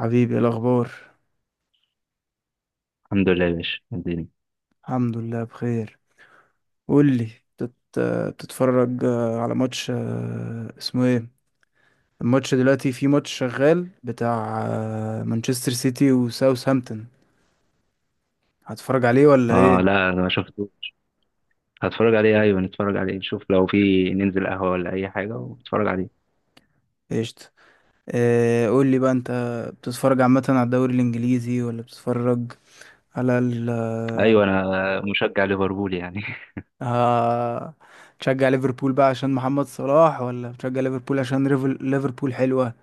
حبيبي، إيه الأخبار؟ الحمد لله يا باشا. الدنيا الحمد لله بخير. قول لي. بتت... بتتفرج على ماتش، اسمه ايه؟ الماتش دلوقتي، في ماتش شغال بتاع مانشستر سيتي وساوثهامبتون. هتتفرج عليه ولا اه، ايه؟ لا انا ما شفته. هتفرج عليه، ايوه نتفرج عليه. نشوف لو في، ننزل قهوه ولا اي حاجه ونتفرج عليه. قشطة. قول لي بقى انت. بتتفرج عامة على الدوري الإنجليزي ولا بتتفرج على ال ايوه، انا مشجع ليفربول يعني آه، تشجع ليفربول بقى عشان محمد صلاح ولا بتشجع ليفربول عشان ليفربول حلوة؟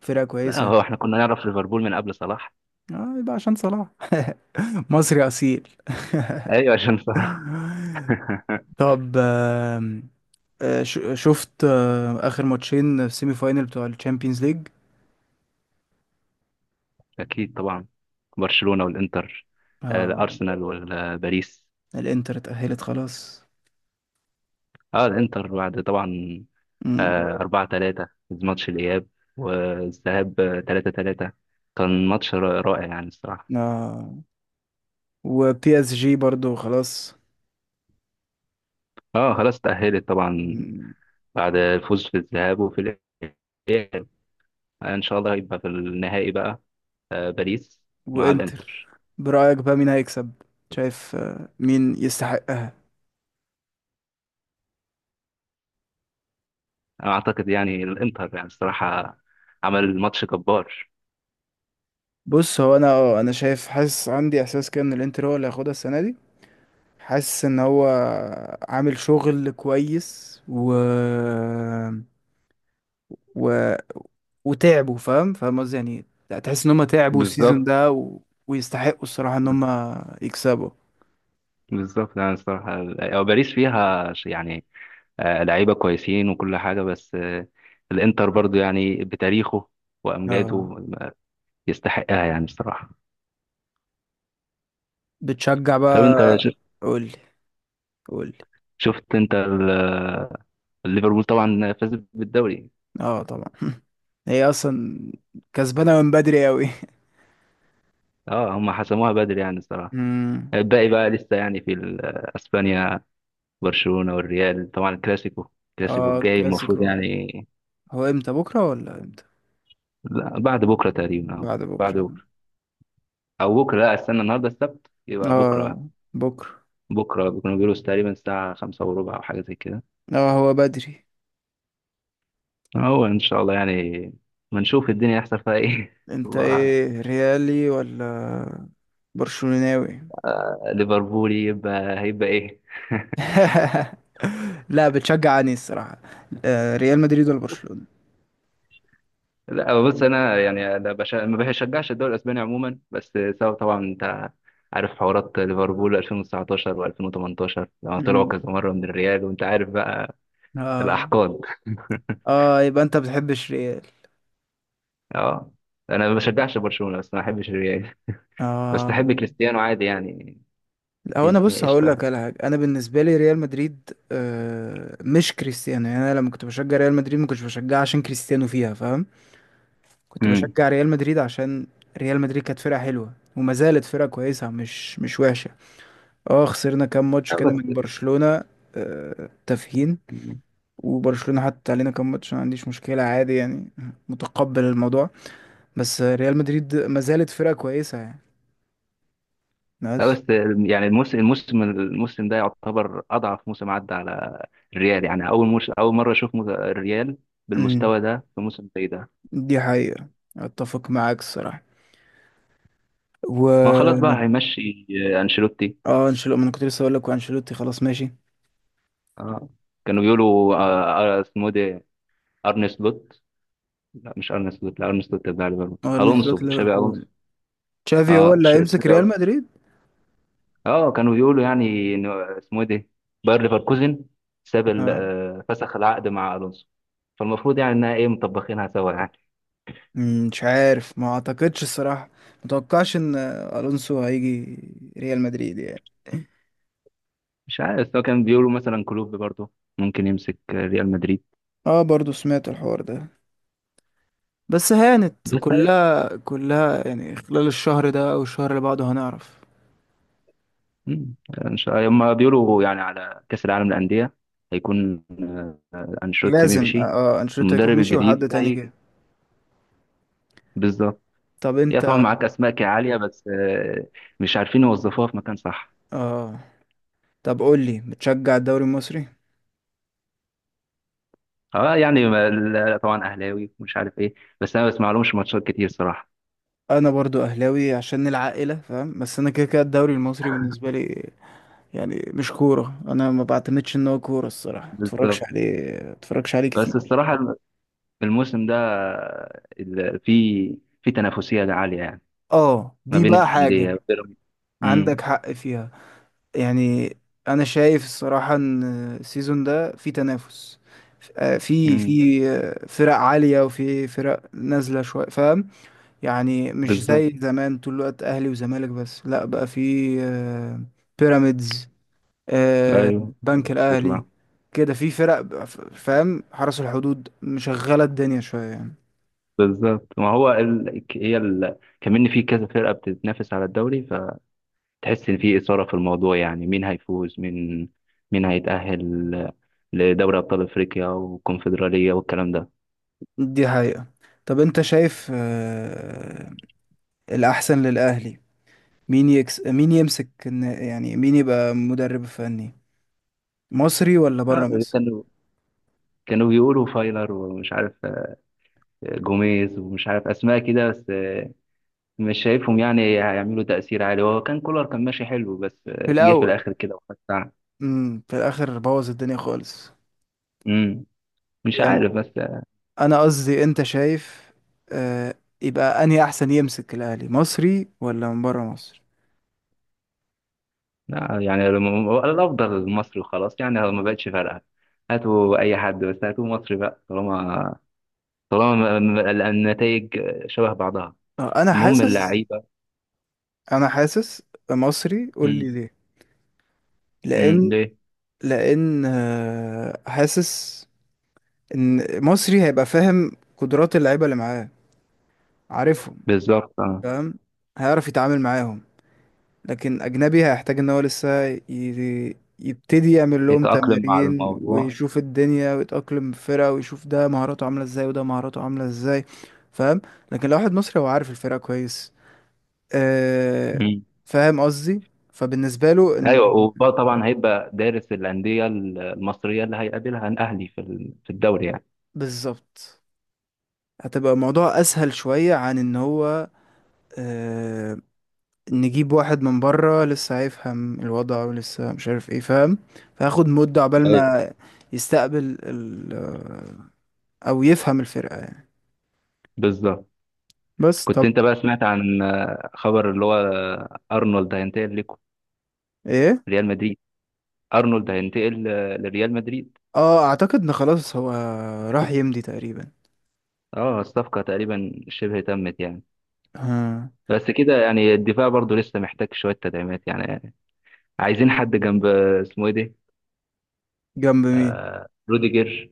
فرقة لا، كويسة؟ هو احنا كنا نعرف ليفربول من قبل صلاح. اه، يبقى عشان صلاح. مصري اصيل. ايوه عشان صلاح طب. شفت اخر ماتشين في سيمي فاينل بتوع الشامبيونز ليج؟ اكيد طبعا. برشلونه والانتر. آه. الارسنال والباريس. الانتر اتأهلت خلاص. اه الانتر بعد طبعا. مم. 4-3 ماتش الاياب والذهاب 3-3. كان ماتش رائع يعني الصراحه. آه وبي اس جي برضو خلاص. اه خلاص تأهلت طبعا مم. بعد الفوز في الذهاب وفي الإياب. إن شاء الله هيبقى في النهائي بقى. باريس مع وانتر. الإنتر. برأيك بقى مين هيكسب؟ شايف مين يستحقها؟ أنا أعتقد يعني الإنتر يعني الصراحة عمل ماتش جبار. بص، هو انا شايف، حاسس، عندي احساس كده ان الانتر هو اللي هياخدها السنة دي. حاسس ان هو عامل شغل كويس و، و... وتعبوا، فاهم فاهم قصدي يعني. تحس ان هم تعبوا السيزون بالظبط. ده ويستحقوا الصراحة ان هم يكسبوا. بالظبط يعني الصراحة، أو باريس فيها يعني لعيبة كويسين وكل حاجة، بس الإنتر برضو يعني بتاريخه وأمجاده، اه، آه، يستحقها يعني الصراحة. بتشجع طب بقى؟ أنت قولي. قولي. شفت أنت ليفربول طبعا فاز بالدوري. اه، طبعا. هي اصلا كسبانة من بدري قوي. اه هم حسموها بدري يعني الصراحة. امم. الباقي بقى لسه يعني اسبانيا، برشلونة والريال طبعا الكلاسيكو. الكلاسيكو اه، الجاي المفروض كلاسيكو. يعني، هو امتى؟ بكرة ولا امتى؟ لا، بعد بكره تقريبا أو بعد بعد بكرة. بكره، او بكره، لا استنى النهارده السبت يبقى بكره. اه، بكرة. بكره بيكونوا بيقولوا تقريبا الساعه خمسة وربع او حاجه زي كده. اه، هو بدري. هو ان شاء الله يعني ما نشوف الدنيا يحصل فيها ايه انت الله اعلم. ايه، ريالي ولا برشلوناوي؟ ليفربول يبقى هيبقى ايه لا، بتشجع اني الصراحة، ريال مدريد ولا برشلونة؟ لا، هو بص انا يعني أنا ما بشجعش الدوري الاسباني عموما. بس سبب طبعا انت عارف حوارات ليفربول 2019 و2018 لما طلعوا مم. كذا مره من الريال وانت عارف بقى اه. الاحقاد اه، يبقى انت بتحبش ريال؟ اه انا ما مم. بشجعش برشلونه بس ما احبش الريال. بس احب اه. كريستيانو عادي يعني. هو انا الدنيا بص، هقول قشطه لك يعني. على حاجه. انا بالنسبه لي ريال مدريد مش كريستيانو، يعني انا لما كنت بشجع ريال مدريد، ما كنتش بشجعها عشان كريستيانو فيها، فاهم؟ كنت امم. بشجع ريال مدريد عشان ريال مدريد كانت فرقه حلوه، وما زالت فرقه كويسه، مش وحشه. اه، خسرنا كام ماتش لا كده بس من برشلونة، تافهين. وبرشلونة حتى علينا كام ماتش، ما عنديش مشكلة عادي يعني. متقبل الموضوع. بس ريال مدريد ما زالت فرقة كويسة يعني. لا ناس. بس يعني الموسم ده يعتبر اضعف موسم عدى على الريال. يعني اول مره اشوف الريال مم، بالمستوى ده في موسم زي ده. دي حقيقة. اتفق معاك الصراحة. ما خلاص و بقى هيمشي انشيلوتي. اه، انشيلوتي. ما انا كنت لسه اقول لك، وانشيلوتي خلاص ماشي. آه. كانوا بيقولوا اسمه إيه ده؟ ارني سلوت. لا، مش ارني سلوت، لا ارني سلوت بتاع ليفربول. ارني سلوت الونسو، تشابي ليفربول. الونسو. تشافي اه هو اللي هيمسك تشابي ريال الونسو. مدريد؟ اه كانوا بيقولوا يعني إنه اسمه إيه ده، باير ليفركوزن ساب اه. فسخ العقد مع الونسو. فالمفروض يعني انها ايه، مطبخينها سوا يعني. مم، مش عارف، ما اعتقدش الصراحة. متوقعش ان الونسو هيجي ريال مدريد يعني. مش عارف، بس هو كان بيقولوا مثلا كلوب برضه ممكن يمسك ريال مدريد. اه، برضو سمعت الحوار ده. بس هانت بس كلها كلها يعني، خلال الشهر ده او الشهر اللي بعده هنعرف. يعني ان شاء الله هم بيقولوا يعني على كأس العالم للأندية هيكون أنشيلوتي لازم مشي، اه انشيلوتي يكون المدرب مشي الجديد وحد تاني جه. هيجي. بالظبط. طب هي انت. طبعا معاك أسماء عالية، بس مش عارفين يوظفوها في مكان صح. اه. طب، قول لي، بتشجع الدوري المصري؟ اه يعني طبعا أهلاوي ومش عارف ايه، بس انا ما بسمع لهمش ماتشات كتير صراحة. انا برضو اهلاوي عشان العائله، فاهم؟ بس انا كده كده الدوري المصري بالنسبه لي يعني مش كوره، انا ما بعتمدش ان هو كوره الصراحه، ما اتفرجش بالظبط. عليه، ما اتفرجش عليه بس كتير. الصراحة الموسم ده في تنافسية عالية يعني اه، ما دي بين بقى حاجه الأندية. بيراميدز. مم. عندك حق فيها. يعني انا شايف الصراحة ان السيزون ده في تنافس، في مم. في فرق عالية وفي فرق نازلة شوية، فاهم؟ يعني مش بالظبط. زي زمان، طول الوقت اهلي وزمالك بس، لا بقى في آه، بيراميدز، آه، ايوه، بنك بيطلع. الاهلي، كده في فرق فاهم، حرس الحدود مشغلة الدنيا شوية يعني. بالظبط، ما هو كمان في كذا فرقة بتتنافس على الدوري. فتحس ان في إثارة في الموضوع يعني مين هيفوز، مين هيتأهل لدوري أبطال أفريقيا والكونفدرالية والكلام ده. دي حقيقة. طب انت شايف الاحسن للاهلي، مين يمسك يعني مين يبقى مدرب فني مصري ولا بره آه، مصر؟ كانوا كانوا بيقولوا فايلر ومش عارف، جوميز ومش عارف أسماء كده، بس مش شايفهم يعني هيعملوا تأثير عالي. هو كان كولر، كان ماشي حلو بس في جه في الاول الآخر كده وخد ساعة. في الاخر بوظ الدنيا خالص. مم. مش يعني عارف، بس انا قصدي، انت شايف آه يبقى انهي احسن يمسك الاهلي، مصري ولا من بره مصر؟ لا يعني الافضل المصري وخلاص، يعني ما بقتش فارقه. هاتوا اي حد، بس هاتوا مصري بقى. طالما النتائج شبه بعضها. آه انا المهم حاسس اللعيبه. انا حاسس، مصري، قول امم. لي ليه. امم، لان ليه؟ لان حاسس ان مصري هيبقى فاهم قدرات اللعيبه اللي معاه، عارفهم. بالظبط، اه. فاهم؟ هيعرف يتعامل معاهم. لكن أجنبي هيحتاج إن هو لسه يبتدي يعمل لهم يتاقلم مع تمارين الموضوع. ويشوف الدنيا ويتأقلم في فرقة ويشوف ده مهاراته عاملة إزاي، وده مهاراته عاملة إزاي. فاهم؟ لكن لو واحد مصري، هو عارف الفرقة كويس. آه. امم. فاهم قصدي؟ فبالنسبة له إن ايوه، وطبعا هيبقى دارس الانديه المصريه اللي هيقابلها الاهلي في الدوري يعني. بالظبط، هتبقى الموضوع أسهل شوية عن إن هو آه نجيب واحد من بره لسه هيفهم الوضع، ولسه مش عارف ايه، فاهم؟ فهاخد مدة عقبال ايوه، ما يستقبل او يفهم الفرقة يعني. بالظبط. بس كنت طب. انت بقى سمعت عن خبر اللي هو ارنولد هينتقل لكم ايه؟ ريال مدريد؟ ارنولد هينتقل لريال مدريد. اه، اعتقد ان خلاص هو راح يمضي تقريبا. اه الصفقة تقريبا شبه تمت يعني. ها؟ بس كده يعني الدفاع برضو لسه محتاج شوية تدعيمات يعني. عايزين حد جنب، اسمه ايه ده، جنب مين؟ آه روديجر.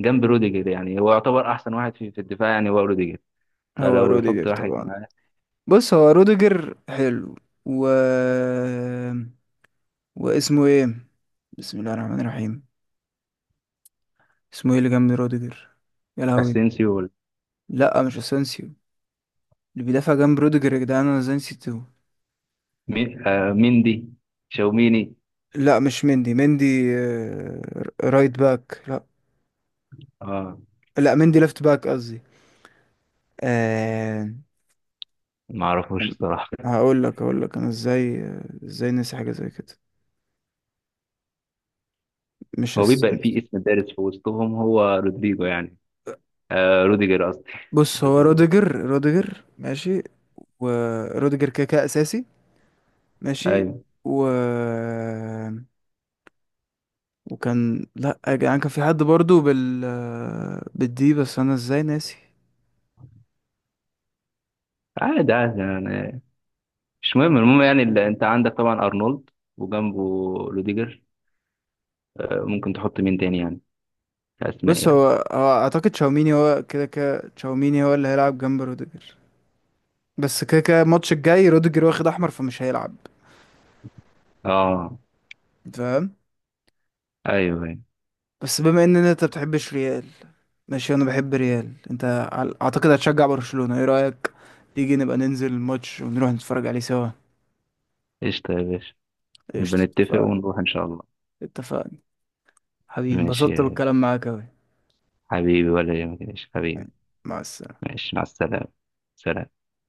جنب روديجر، يعني هو يعتبر أحسن واحد في الدفاع يعني، هو روديجر. هو فلو يحط روديجر واحد طبعا. معاه بص، هو روديجر حلو. و واسمه ايه؟ بسم الله الرحمن الرحيم. اسمه ايه اللي جنب روديجر؟ يا لهوي. اسينسيو ولا لا، مش اسانسيو. اللي بيدافع جنب روديجر، يا جدعان انا ازاي نسيته؟ مين، ميندي، شاوميني، لا، مش مندي آه، رايت باك، لا. اه لا، مندي ليفت باك قصدي. آه ما اعرفوش الصراحة. هقول لك انا ازاي، ازاي نسي حاجه زي كده؟ مش هو أس... بيبقى فيه اسم دارس في وسطهم هو رودريجو يعني، آه روديجر قصدي. بص، هو رودريجو إيه؟ روديجر ماشي. وروديجر كده كده اساسي. ماشي. ايوه و وكان، لا يا جدعان، كان في حد برضو بالدي، بس انا ازاي ناسي؟ عادي عادي يعني، مش مهم. المهم يعني اللي انت عندك طبعا ارنولد وجنبه روديجر، ممكن تحط مين تاني يعني كاسماء بص، يعني؟ هو اعتقد تشاوميني، هو كده كده تشاوميني هو اللي هيلعب جنب روديجر. بس كده كده، الماتش الجاي روديجر واخد احمر فمش هيلعب. اه، أنت فاهم؟ ايوه ايوه. بس بما ان انت بتحبش ريال، ماشي انا بحب ريال. انت اعتقد هتشجع برشلونة، ايه رأيك؟ تيجي نبقى ننزل الماتش ونروح نتفرج عليه سوا؟ قشطه يا باشا. نبقى قشطة، نتفق اتفقنا. ونروح ان شاء الله. اتفقنا. حبيبي، ماشي انبسطت يا بالكلام معاك اوي. حبيبي، ولا يهمك يا باشا حبيبي. مع السلامة. ماشي، مع السلامه. سلام.